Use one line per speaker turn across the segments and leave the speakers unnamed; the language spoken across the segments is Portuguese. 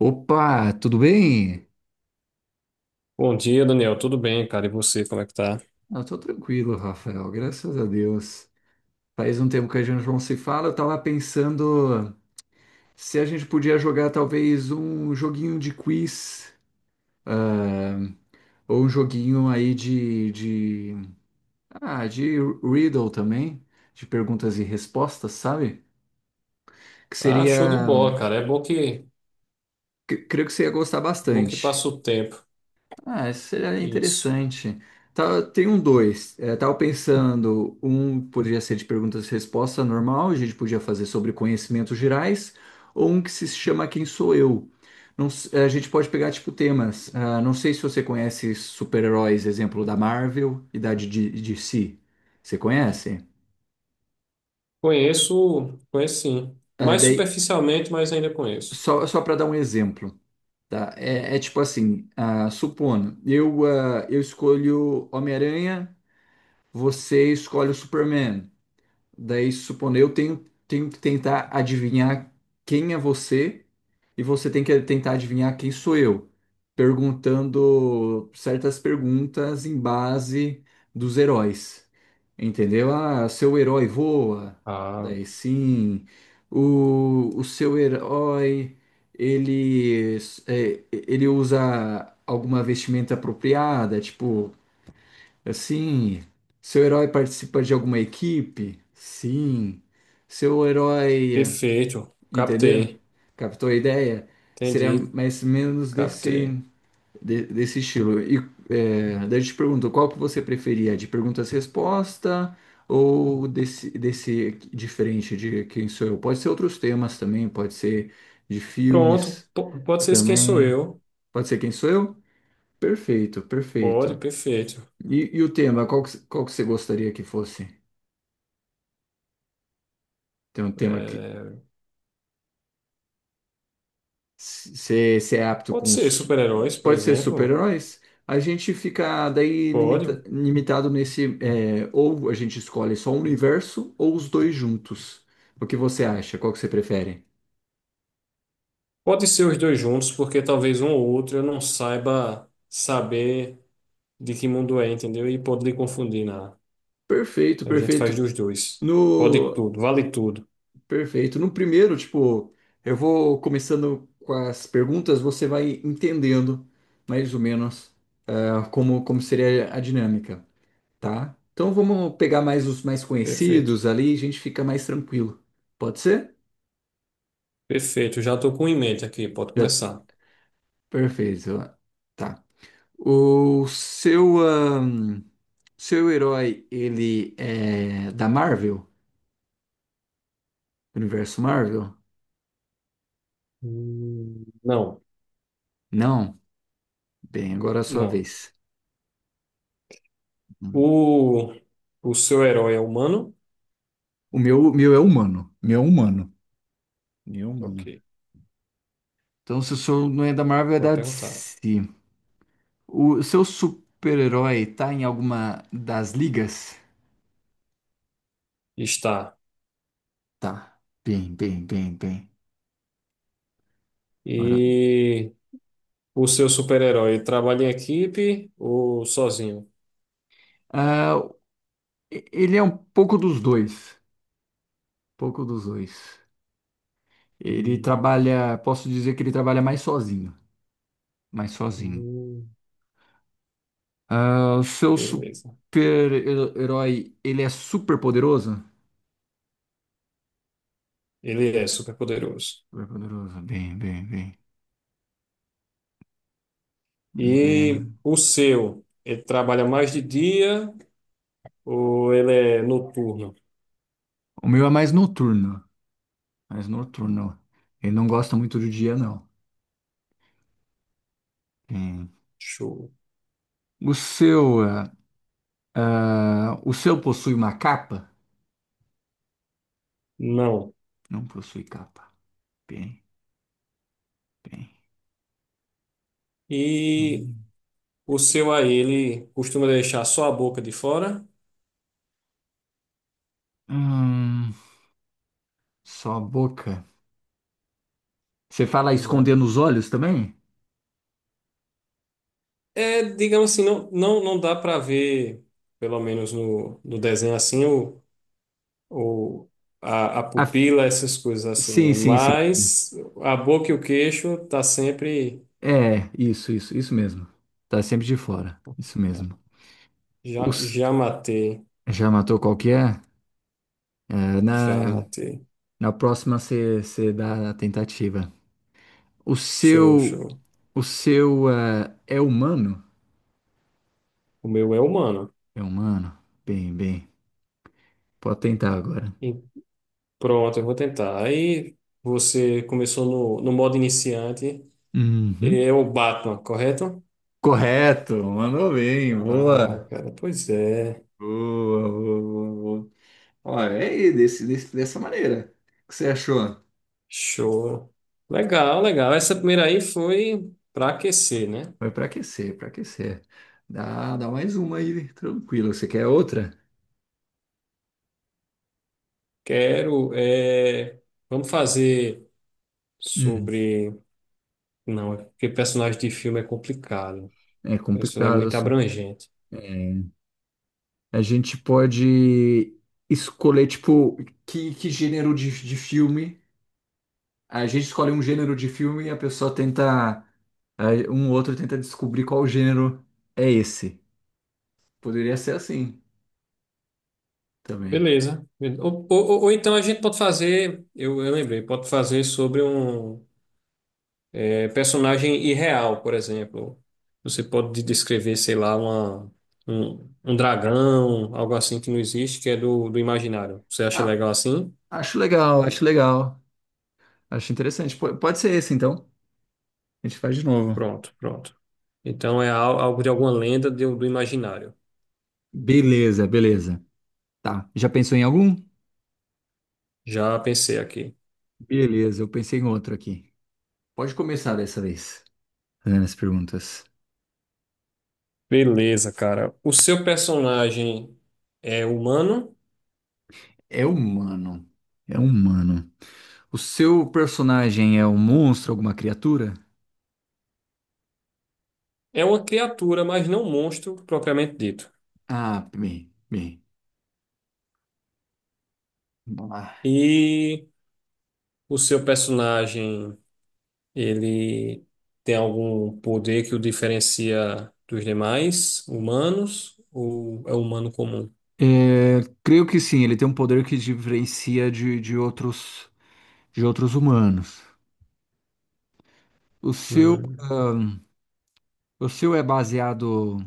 Opa, tudo bem?
Bom dia, Daniel. Tudo bem, cara? E você, como é que tá?
Eu tô tranquilo, Rafael, graças a Deus. Faz um tempo que a gente não se fala, eu tava pensando se a gente podia jogar talvez um joguinho de quiz ou um joguinho aí de riddle também, de perguntas e respostas, sabe? Que
Ah, show de
seria,
bola, cara. É bom que
creio que você ia gostar
bom que
bastante.
passa o tempo.
Ah, isso seria
Isso.
interessante. Tá, tem um dois. É, tava pensando, um poderia ser de perguntas e respostas normal, a gente podia fazer sobre conhecimentos gerais, ou um que se chama Quem Sou Eu. Não s- é, a gente pode pegar, tipo, temas. Ah, não sei se você conhece super-heróis, exemplo, da Marvel e da de DC. Você conhece?
Conheço, conheço sim.
Ah,
Mais
daí,
superficialmente, mas ainda conheço.
só para dar um exemplo, tá? É tipo assim, supondo, eu escolho Homem-Aranha. Você escolhe o Superman. Daí, supondo, eu tenho, tenho que tentar adivinhar quem é você e você tem que tentar adivinhar quem sou eu, perguntando certas perguntas em base dos heróis. Entendeu? Ah, seu herói voa.
Ah,
Daí sim. O seu herói, ele, é, ele usa alguma vestimenta apropriada, tipo. Assim, seu herói participa de alguma equipe? Sim. Seu herói,
perfeito.
entendeu?
Captei.
Captou a ideia? Seria
Entendi.
mais ou menos desse,
Captei.
desse estilo. E é, daí eu te pergunto, qual que você preferia? De perguntas-resposta ou desse, desse diferente de quem sou eu? Pode ser outros temas também, pode ser de
Pronto.
filmes
Pode ser esse Quem Sou
também.
Eu.
Pode ser quem sou eu? Perfeito,
Pode,
perfeito.
perfeito.
E o tema, qual que você gostaria que fosse? Tem um tema que
É,
se é apto
pode
com.
ser
Su-
super-heróis, por
Pode ser
exemplo.
super-heróis? A gente fica daí
Pode.
limitado nesse. É, ou a gente escolhe só um universo ou os dois juntos. O que você acha? Qual que você prefere?
Pode ser os dois juntos, porque talvez um ou outro eu não saiba saber de que mundo é, entendeu? E pode lhe confundir nada.
Perfeito,
A gente faz
perfeito.
dos dois. Pode
No.
tudo, vale tudo.
Perfeito. No primeiro, tipo, eu vou começando com as perguntas, você vai entendendo mais ou menos ah, como, como seria a dinâmica. Tá? Então vamos pegar mais os mais
Perfeito.
conhecidos ali, a gente fica mais tranquilo. Pode ser?
Perfeito. Já estou com em mente aqui, pode
Já-
começar.
Perfeito. Tá. O seu, seu herói, ele é da Marvel? Universo Marvel?
Não,
Não? Bem, agora é a sua
não.
vez. Hum.
O, o seu herói é humano?
O meu é humano. Meu é humano. Meu é
Ok,
humano. Então, se o seu não é da Marvel, é
pode
da
perguntar.
DC. O seu super-herói tá em alguma das ligas?
Está.
Tá. Bem, bem, bem, bem. Agora
E o seu super-herói trabalha em equipe ou sozinho?
ah, ele é um pouco dos dois, pouco dos dois. Ele
Hum,
trabalha, posso dizer que ele trabalha mais sozinho, mais sozinho.
hum.
Ah, o seu
Beleza.
super-herói, ele é super poderoso?
Ele é super poderoso.
Super poderoso, bem, bem, bem. Vamos
E
ver.
o seu, ele trabalha mais de dia ou ele é noturno?
O meu é mais noturno, mais noturno. Ele não gosta muito do dia, não. Bem.
Show.
O seu, ah, o seu possui uma capa?
Não.
Não possui capa. Bem, bem.
E
Hum,
o seu aí, ele costuma deixar só a boca de fora?
Hum, só a boca. Você fala
É,
escondendo os olhos também?
é, digamos assim, não, não, não dá para ver, pelo menos no desenho assim, o, a
Ah, f-
pupila, essas coisas assim,
sim,
né?
sim, sim, sim.
Mas a boca e o queixo tá sempre.
É, isso mesmo. Tá sempre de fora. Isso mesmo.
Já,
Ups,
já matei,
já matou qual que é? É,
já
na,
matei.
na próxima você dá a tentativa. O
Show,
seu,
show.
é humano?
O meu é humano.
É humano? Bem, bem. Pode tentar agora.
Pronto, eu vou tentar. Aí você começou no modo iniciante.
Uhum.
É o Batman, correto?
Correto, mandou bem,
Ah,
boa.
cara, pois é.
Boa, boa, boa, boa. Olha, é aí, dessa maneira. O que você achou?
Show. Legal, legal. Essa primeira aí foi para aquecer, né?
Foi para aquecer, para aquecer. Dá, dá mais uma aí, tranquilo. Você quer outra?
Quero. Vamos fazer
Hum,
sobre. Não, é porque personagem de filme é complicado.
é
Personagem é
complicado
muito
isso.
abrangente.
A gente pode escolher, tipo, que gênero de filme. A gente escolhe um gênero de filme e a pessoa tenta aí. Um outro tenta descobrir qual gênero é esse. Poderia ser assim também.
Beleza. Ou então a gente pode fazer. Eu lembrei, pode fazer sobre um. Personagem irreal, por exemplo. Você pode descrever, sei lá, um dragão, algo assim que não existe, que é do imaginário. Você acha
Ah,
legal assim?
acho legal, acho legal. Acho interessante. Pode ser esse, então. A gente faz de novo.
Pronto, pronto. Então é algo de alguma lenda do imaginário.
Beleza, beleza. Tá. Já pensou em algum?
Já pensei aqui.
Beleza, eu pensei em outro aqui. Pode começar dessa vez, fazendo as perguntas.
Beleza, cara. O seu personagem é humano?
É humano. É humano. O seu personagem é um monstro, alguma criatura?
É uma criatura, mas não um monstro propriamente dito.
Ah, bem, bem. Vamos lá.
E o seu personagem, ele tem algum poder que o diferencia dos demais humanos ou é humano comum?
É, creio que sim, ele tem um poder que diferencia de outros humanos. O seu,
Hum,
ahn, o seu é baseado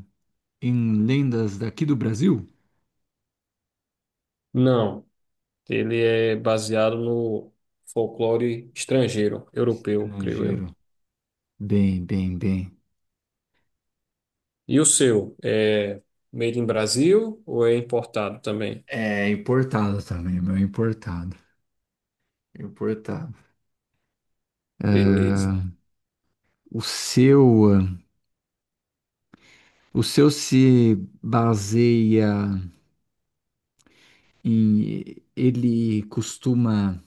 em lendas daqui do Brasil?
Não, ele é baseado no folclore estrangeiro, europeu, creio eu.
Estrangeiro. Bem, bem, bem.
E o seu é made in Brasil ou é importado também?
É importado também, meu, é importado. Importado.
Beleza.
Ah, o seu, o seu se baseia em ele costuma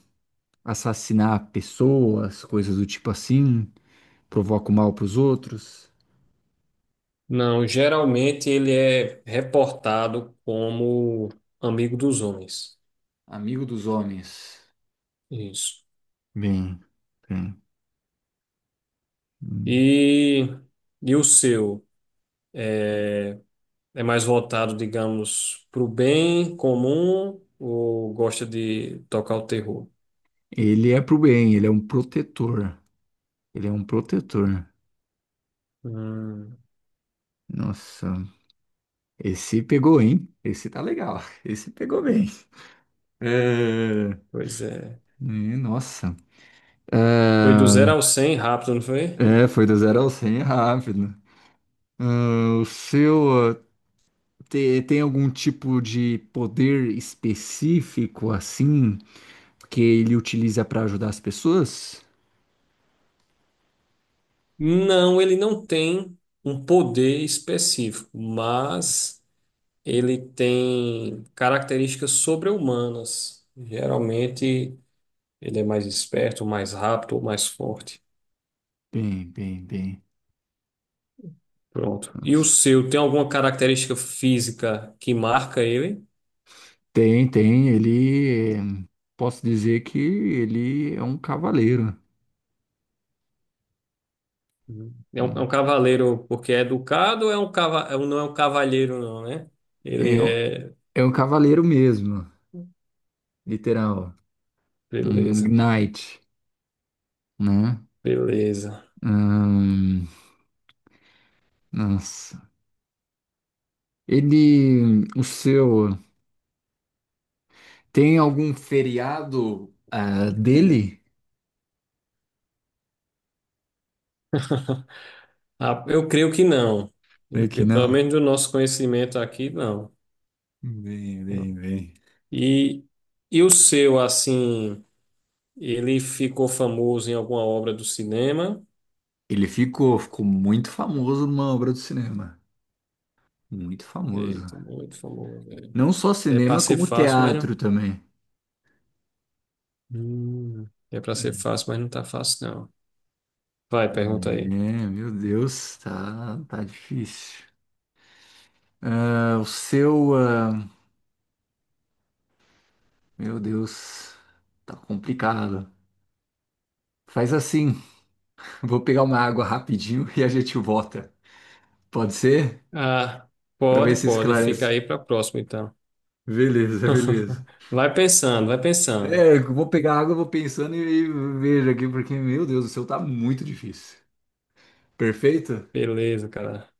assassinar pessoas, coisas do tipo assim, provoca o mal para os outros.
Não, geralmente ele é reportado como amigo dos homens.
Amigo dos homens.
Isso.
Bem, bem. Hum.
E, e o seu? é É mais voltado, digamos, para o bem comum ou gosta de tocar o terror?
Ele é pro bem, ele é um protetor. Ele é um protetor.
Hum,
Nossa, esse pegou, hein? Esse tá legal. Esse pegou bem. É...
pois é.
nossa.
Foi do
Ah,
zero ao 100 rápido, não foi?
é, foi do zero ao 100 é rápido. Ah, o seu ah, tem algum tipo de poder específico assim que ele utiliza para ajudar as pessoas?
Não, ele não tem um poder específico, mas ele tem características sobre-humanas. Geralmente, ele é mais esperto, mais rápido ou mais forte.
Bem, bem, bem.
Pronto. E o
Nossa.
seu tem alguma característica física que marca ele?
Tem, tem. Ele, eh, posso dizer que ele é um cavaleiro.
Uhum.
É
É
um,
um cavaleiro porque é educado, ou não é um cavalheiro não, né? Ele
é um
é,
é um cavaleiro mesmo, literal. Um
beleza,
knight, né?
beleza.
Ahn, nossa. Ele, o seu. Tem algum feriado ah, dele?
Ah, eu creio que não. Eu
Creio que
creio, pelo
não.
menos do nosso conhecimento aqui, não.
Bem, bem, bem.
E, e o seu, assim, ele ficou famoso em alguma obra do cinema?
Ele ficou, ficou muito famoso numa obra do cinema. Muito famoso.
Eita, muito famoso.
Não só
É para
cinema,
ser
como
fácil, mas
teatro
não.
também.
É para ser fácil, mas não tá fácil, não. Vai,
É,
pergunta aí.
meu Deus, tá, tá difícil. Ah, o seu, ah, meu Deus, tá complicado. Faz assim, vou pegar uma água rapidinho e a gente volta. Pode ser?
Ah,
Pra ver
pode,
se
pode. Fica
esclarece.
aí para próxima, então.
Beleza, beleza.
Vai pensando, vai pensando.
É, eu vou pegar água, eu vou pensando e vejo aqui, porque, meu Deus do céu, tá muito difícil. Perfeito?
Beleza, cara.